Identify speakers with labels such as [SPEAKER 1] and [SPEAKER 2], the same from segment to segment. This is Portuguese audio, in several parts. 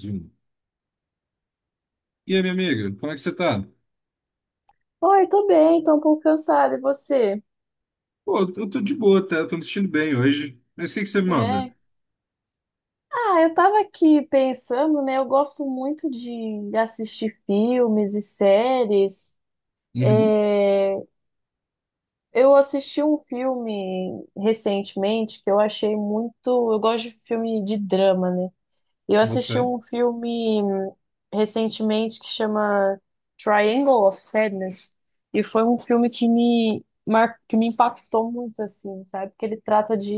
[SPEAKER 1] Zoom. E aí, minha amiga, como é que você tá?
[SPEAKER 2] Oi, tô bem, tô um pouco cansada, e você?
[SPEAKER 1] Pô, eu tô de boa até, eu tô me sentindo bem hoje. Mas o que que você manda?
[SPEAKER 2] É. Ah, eu tava aqui pensando, né? Eu gosto muito de assistir filmes e séries.
[SPEAKER 1] Uhum.
[SPEAKER 2] É, eu assisti um filme recentemente que eu achei muito. Eu gosto de filme de drama, né? Eu
[SPEAKER 1] Boto
[SPEAKER 2] assisti
[SPEAKER 1] fé.
[SPEAKER 2] um filme recentemente que chama Triangle of Sadness, e foi um filme que me impactou muito, assim, sabe? Porque ele trata de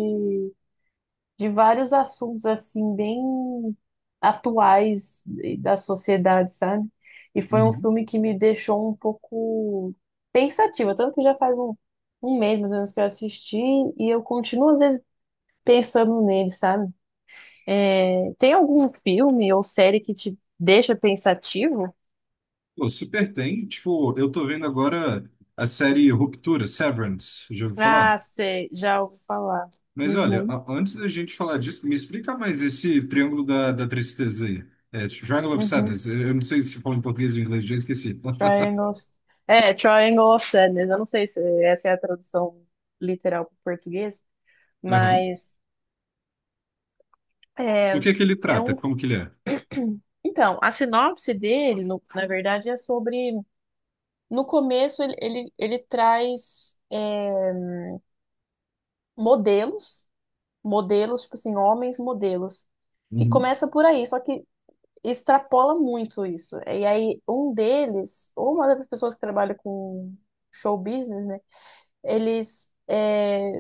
[SPEAKER 2] de vários assuntos assim bem atuais da sociedade, sabe? E foi um
[SPEAKER 1] Uhum.
[SPEAKER 2] filme que me deixou um pouco pensativa, tanto que já faz um mês mais ou menos que eu assisti e eu continuo às vezes pensando nele, sabe? É, tem algum filme ou série que te deixa pensativo?
[SPEAKER 1] Pô, super tem. Tipo, eu tô vendo agora a série Ruptura, Severance, já ouviu falar?
[SPEAKER 2] Ah, sei, já ouvi falar.
[SPEAKER 1] Mas olha,
[SPEAKER 2] Uhum,
[SPEAKER 1] antes da gente falar disso, me explica mais esse triângulo da tristeza aí. É, Triangle of
[SPEAKER 2] uhum.
[SPEAKER 1] Sadness. Eu não sei se fala em português ou em inglês, já esqueci.
[SPEAKER 2] Triangles. É, Triangle of Sadness. Eu não sei se essa é a tradução literal para o português,
[SPEAKER 1] Aham.
[SPEAKER 2] mas
[SPEAKER 1] Do
[SPEAKER 2] é,
[SPEAKER 1] que ele
[SPEAKER 2] é
[SPEAKER 1] trata?
[SPEAKER 2] um.
[SPEAKER 1] Como que ele é?
[SPEAKER 2] Então, a sinopse dele, na verdade, é sobre. No começo, ele traz modelos, modelos, tipo assim, homens modelos. E
[SPEAKER 1] Uhum.
[SPEAKER 2] começa por aí, só que extrapola muito isso. E aí, um deles, ou uma das pessoas que trabalha com show business, né? Eles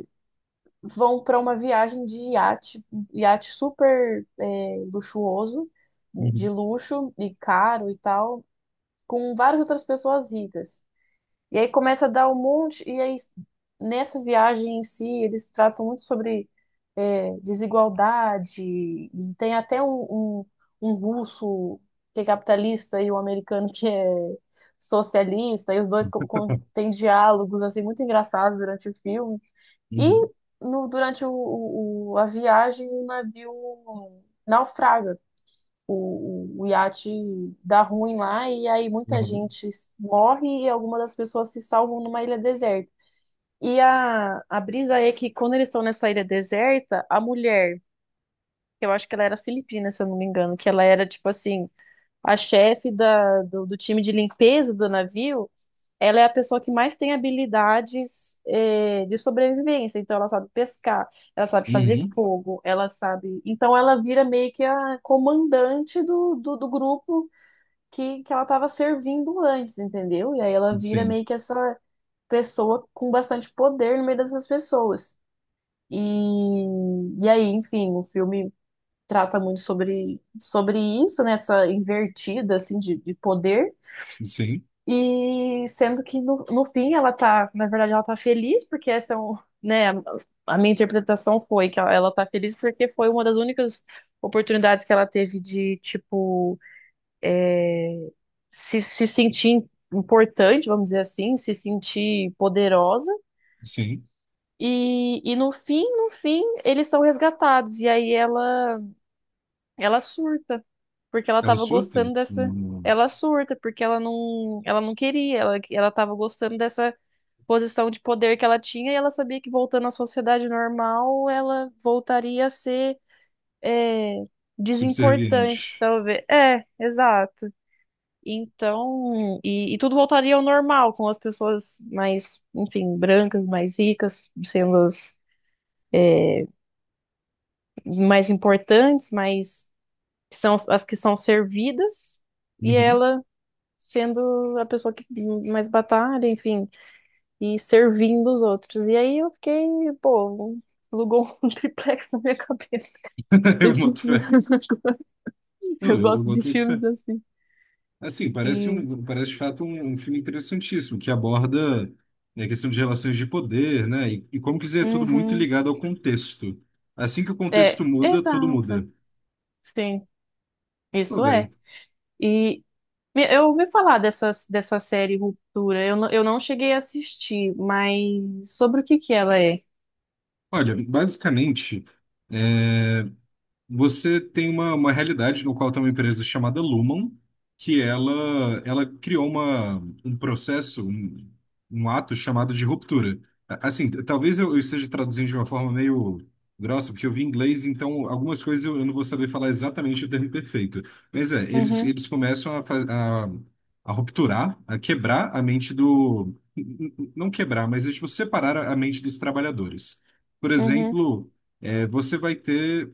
[SPEAKER 2] vão para uma viagem de iate, iate super luxuoso, né, de
[SPEAKER 1] Uhum.
[SPEAKER 2] luxo e caro e tal, com várias outras pessoas ricas. E aí começa a dar um monte, e aí nessa viagem em si, eles tratam muito sobre desigualdade, e tem até um russo que é capitalista e um americano que é socialista, e os dois têm diálogos assim muito engraçados durante o filme. E
[SPEAKER 1] Uhum.
[SPEAKER 2] no, durante a viagem, o navio naufraga. O iate dá ruim lá, e aí muita
[SPEAKER 1] Aham.
[SPEAKER 2] gente morre e algumas das pessoas se salvam numa ilha deserta. E a brisa é que quando eles estão nessa ilha deserta, a mulher, que eu acho que ela era filipina, se eu não me engano, que ela era tipo assim, a chefe do time de limpeza do navio. Ela é a pessoa que mais tem habilidades, de sobrevivência. Então, ela sabe pescar, ela sabe fazer
[SPEAKER 1] Uhum.
[SPEAKER 2] fogo, ela sabe. Então, ela vira meio que a comandante do grupo que ela estava servindo antes, entendeu? E aí ela vira
[SPEAKER 1] Sim,
[SPEAKER 2] meio que essa pessoa com bastante poder no meio dessas pessoas. E, e aí, enfim, o filme trata muito sobre isso, nessa invertida assim, de poder.
[SPEAKER 1] sim,
[SPEAKER 2] E sendo que no fim ela tá, na verdade, ela tá feliz, porque essa é um, né, a minha interpretação foi que ela tá feliz porque foi uma das únicas oportunidades que ela teve de, tipo, se sentir importante, vamos dizer assim, se sentir poderosa.
[SPEAKER 1] sim.
[SPEAKER 2] E no fim, eles são resgatados. E aí ela surta, porque ela
[SPEAKER 1] Ela
[SPEAKER 2] tava
[SPEAKER 1] surta?
[SPEAKER 2] gostando dessa.
[SPEAKER 1] Hum.
[SPEAKER 2] Ela surta, porque ela não queria, ela tava gostando dessa posição de poder que ela tinha e ela sabia que voltando à sociedade normal ela voltaria a ser é, desimportante,
[SPEAKER 1] Subserviente.
[SPEAKER 2] talvez. É, exato. Então, e tudo voltaria ao normal, com as pessoas mais, enfim, brancas, mais ricas, sendo as mais importantes, mais que são as que são servidas, e
[SPEAKER 1] Uhum.
[SPEAKER 2] ela sendo a pessoa que mais batalha, enfim. E servindo os outros. E aí eu fiquei, pô, alugou um triplex na minha cabeça.
[SPEAKER 1] Eu
[SPEAKER 2] Esse
[SPEAKER 1] boto
[SPEAKER 2] filme.
[SPEAKER 1] fé. Não,
[SPEAKER 2] Eu
[SPEAKER 1] eu
[SPEAKER 2] gosto de
[SPEAKER 1] boto muito fé.
[SPEAKER 2] filmes assim.
[SPEAKER 1] Assim, parece,
[SPEAKER 2] E.
[SPEAKER 1] um, parece de fato um, um filme interessantíssimo, que aborda, né, a questão de relações de poder, né? E como quiser, é tudo muito
[SPEAKER 2] Uhum.
[SPEAKER 1] ligado ao contexto. Assim que o
[SPEAKER 2] É,
[SPEAKER 1] contexto muda, tudo
[SPEAKER 2] exato.
[SPEAKER 1] muda.
[SPEAKER 2] Sim,
[SPEAKER 1] Pô,
[SPEAKER 2] isso é.
[SPEAKER 1] velho.
[SPEAKER 2] E eu ouvi falar dessa, série Ruptura. Eu não cheguei a assistir, mas sobre o que que ela é?
[SPEAKER 1] Olha, basicamente. é, Você tem uma realidade no qual tem uma empresa chamada Lumen, que ela criou uma, um processo, um ato chamado de ruptura. Assim, talvez eu esteja traduzindo de uma forma meio grossa, porque eu vi inglês, então algumas coisas eu não vou saber falar exatamente o termo perfeito. Mas é,
[SPEAKER 2] Uhum,
[SPEAKER 1] eles começam a a rupturar, a quebrar a mente do... Não quebrar, mas é, tipo, separar a mente dos trabalhadores. Por
[SPEAKER 2] uhum,
[SPEAKER 1] exemplo... É, você vai ter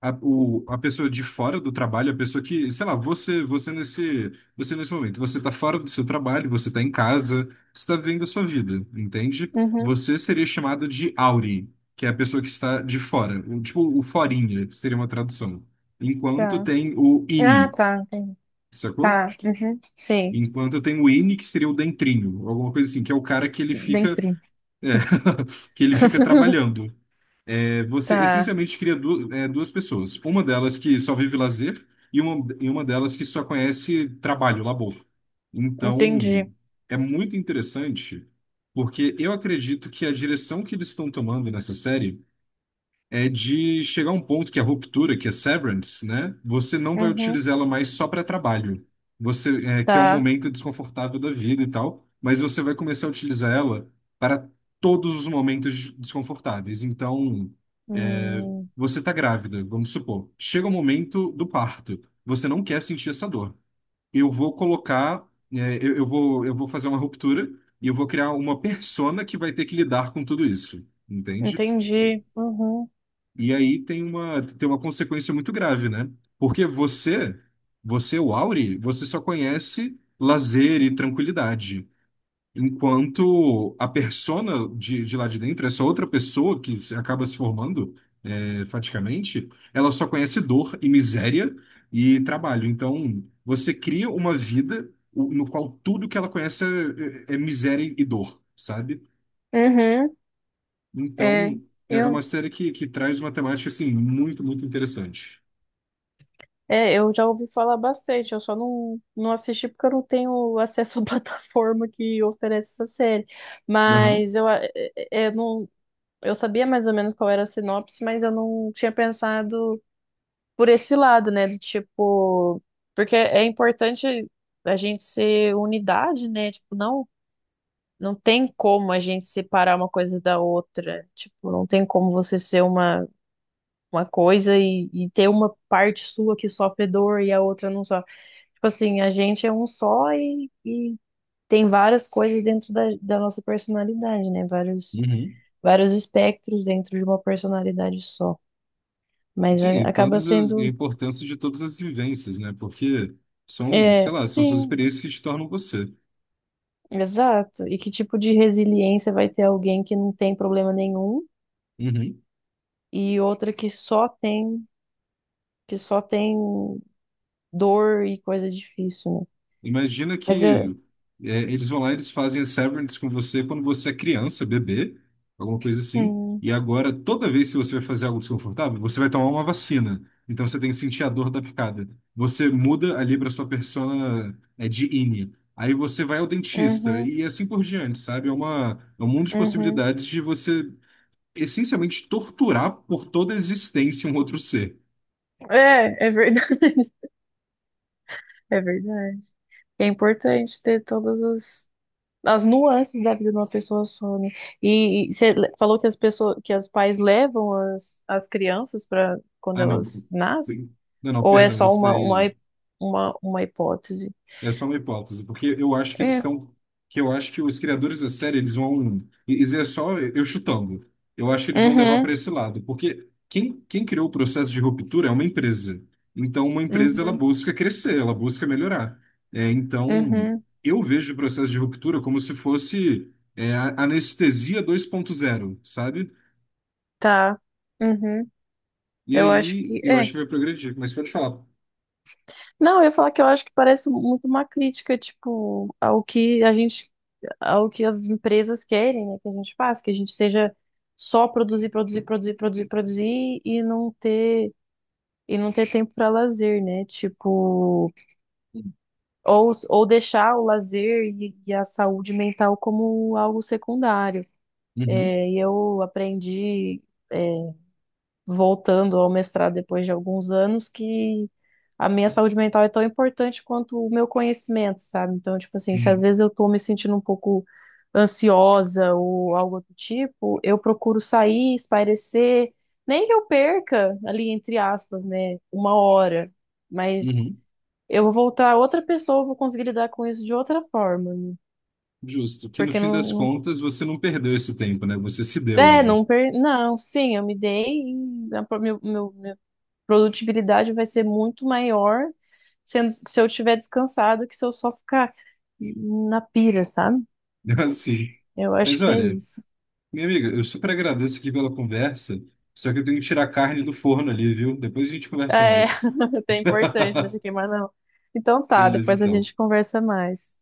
[SPEAKER 1] a pessoa de fora do trabalho, a pessoa que, sei lá, você nesse momento, você tá fora do seu trabalho, você tá em casa, você tá vivendo a sua vida, entende?
[SPEAKER 2] uhum.
[SPEAKER 1] Você seria chamado de Auri, que é a pessoa que está de fora, tipo o forinha, seria uma tradução. Enquanto
[SPEAKER 2] Tá.
[SPEAKER 1] tem o
[SPEAKER 2] Ah,
[SPEAKER 1] Ini,
[SPEAKER 2] tá, entendi.
[SPEAKER 1] sacou?
[SPEAKER 2] Tá, uhum. Sim,
[SPEAKER 1] Enquanto tem o Ini, que seria o dentrinho, alguma coisa assim, que é o cara que ele
[SPEAKER 2] bem
[SPEAKER 1] fica,
[SPEAKER 2] frio.
[SPEAKER 1] é, que ele fica trabalhando é, você
[SPEAKER 2] Tá,
[SPEAKER 1] essencialmente cria duas pessoas. Uma delas que só vive lazer e uma delas que só conhece trabalho, labor. Então,
[SPEAKER 2] entendi.
[SPEAKER 1] é muito interessante, porque eu acredito que a direção que eles estão tomando nessa série é de chegar a um ponto que é a ruptura, que é severance, né? Você não vai
[SPEAKER 2] Uhum.
[SPEAKER 1] utilizar ela mais só para trabalho. Você, é, que é um
[SPEAKER 2] Tá.
[SPEAKER 1] momento desconfortável da vida e tal, mas você vai começar a utilizar ela para todos os momentos desconfortáveis. Então, é,
[SPEAKER 2] Hum,
[SPEAKER 1] você está grávida, vamos supor. Chega o momento do parto. Você não quer sentir essa dor. Eu vou colocar, é, eu vou fazer uma ruptura e eu vou criar uma persona que vai ter que lidar com tudo isso, entende?
[SPEAKER 2] entendi. Uhum.
[SPEAKER 1] E aí tem uma consequência muito grave, né? Porque você, o Auri, você só conhece lazer e tranquilidade. Enquanto a persona de lá de dentro, essa outra pessoa que acaba se formando, é, faticamente, ela só conhece dor e miséria e trabalho. Então, você cria uma vida no qual tudo que ela conhece é, é miséria e dor, sabe?
[SPEAKER 2] Uhum.
[SPEAKER 1] Então,
[SPEAKER 2] É,
[SPEAKER 1] é uma
[SPEAKER 2] eu,
[SPEAKER 1] série que traz uma temática, assim, muito, muito interessante.
[SPEAKER 2] eu já ouvi falar bastante, eu só não assisti porque eu não tenho acesso à plataforma que oferece essa série.
[SPEAKER 1] Aham.
[SPEAKER 2] Mas eu, a- é- é- eu não, eu sabia mais ou menos qual era a sinopse, mas eu não tinha pensado por esse lado, né? Do tipo, porque é importante a gente ser unidade, né? Tipo, não tem como a gente separar uma coisa da outra. Tipo, não tem como você ser uma, coisa e ter uma parte sua que sofre dor e a outra não sofre. Tipo assim, a gente é um só e tem várias coisas dentro da nossa personalidade, né?
[SPEAKER 1] Uhum.
[SPEAKER 2] Vários espectros dentro de uma personalidade só. Mas
[SPEAKER 1] Sim, e
[SPEAKER 2] acaba
[SPEAKER 1] todas as, e a
[SPEAKER 2] sendo.
[SPEAKER 1] importância de todas as vivências, né? Porque são,
[SPEAKER 2] É,
[SPEAKER 1] sei lá, são suas
[SPEAKER 2] sim,
[SPEAKER 1] experiências que te tornam você.
[SPEAKER 2] exato. E que tipo de resiliência vai ter alguém que não tem problema nenhum?
[SPEAKER 1] Uhum.
[SPEAKER 2] E outra que só tem dor e coisa difícil, né?
[SPEAKER 1] Imagina
[SPEAKER 2] Mas é.
[SPEAKER 1] que é, eles vão lá, eles fazem a Severance com você quando você é criança, bebê, alguma coisa assim.
[SPEAKER 2] Hum,
[SPEAKER 1] E agora, toda vez que você vai fazer algo desconfortável, você vai tomar uma vacina. Então você tem que sentir a dor da picada. Você muda ali para sua persona é, de Innie. Aí você vai ao dentista
[SPEAKER 2] uhum,
[SPEAKER 1] e assim por diante, sabe? É uma, é um mundo de
[SPEAKER 2] uhum.
[SPEAKER 1] possibilidades de você essencialmente torturar por toda a existência um outro ser.
[SPEAKER 2] É verdade. É verdade. É importante ter todas as nuances da vida de uma pessoa só, né? E você falou que os pais levam as crianças para quando
[SPEAKER 1] Ah, não.
[SPEAKER 2] elas nascem?
[SPEAKER 1] Não,
[SPEAKER 2] Ou é
[SPEAKER 1] perdão,
[SPEAKER 2] só
[SPEAKER 1] isso daí.
[SPEAKER 2] uma hipótese?
[SPEAKER 1] É só uma hipótese, porque eu acho que eles
[SPEAKER 2] É.
[SPEAKER 1] estão, que eu acho que os criadores da série eles vão, isso é só eu chutando. Eu acho que eles vão levar para
[SPEAKER 2] Uhum,
[SPEAKER 1] esse lado, porque quem criou o processo de ruptura é uma empresa. Então, uma empresa ela
[SPEAKER 2] uhum,
[SPEAKER 1] busca crescer, ela busca melhorar. É, então,
[SPEAKER 2] uhum.
[SPEAKER 1] eu vejo o processo de ruptura como se fosse é, a anestesia 2.0, sabe?
[SPEAKER 2] Tá. Uhum.
[SPEAKER 1] E
[SPEAKER 2] Eu acho
[SPEAKER 1] aí
[SPEAKER 2] que
[SPEAKER 1] eu acho
[SPEAKER 2] é.
[SPEAKER 1] que vai progredir. Mas pode falar.
[SPEAKER 2] Não, eu ia falar que eu acho que parece muito uma crítica, tipo, ao que a gente, ao que as empresas querem, né, que a gente faça, que a gente seja só produzir, produzir, produzir, produzir, produzir e não ter tempo para lazer, né? Tipo, ou deixar o lazer e a saúde mental como algo secundário.
[SPEAKER 1] Uhum.
[SPEAKER 2] É, e eu aprendi é, voltando ao mestrado depois de alguns anos, que a minha saúde mental é tão importante quanto o meu conhecimento, sabe? Então, tipo assim, se às
[SPEAKER 1] Uhum.
[SPEAKER 2] vezes eu tô me sentindo um pouco ansiosa ou algo do tipo, eu procuro sair, espairecer, nem que eu perca ali, entre aspas, né, uma hora, mas
[SPEAKER 1] Uhum.
[SPEAKER 2] eu vou voltar outra pessoa, eu vou conseguir lidar com isso de outra forma, né?
[SPEAKER 1] Justo, que no
[SPEAKER 2] porque
[SPEAKER 1] fim das
[SPEAKER 2] não,
[SPEAKER 1] contas você não perdeu esse tempo, né? Você se
[SPEAKER 2] não
[SPEAKER 1] deu
[SPEAKER 2] é,
[SPEAKER 1] ele.
[SPEAKER 2] não, per... não, sim, eu me dei e meu produtibilidade vai ser muito maior sendo se eu estiver descansado que se eu só ficar na pira, sabe?
[SPEAKER 1] Assim.
[SPEAKER 2] Eu acho
[SPEAKER 1] Mas
[SPEAKER 2] que é
[SPEAKER 1] olha,
[SPEAKER 2] isso.
[SPEAKER 1] minha amiga, eu super agradeço aqui pela conversa, só que eu tenho que tirar a carne do forno ali, viu? Depois a gente conversa
[SPEAKER 2] É,
[SPEAKER 1] mais.
[SPEAKER 2] é importante, não deixa queimar não. Então tá,
[SPEAKER 1] Beleza,
[SPEAKER 2] depois a
[SPEAKER 1] então.
[SPEAKER 2] gente conversa mais.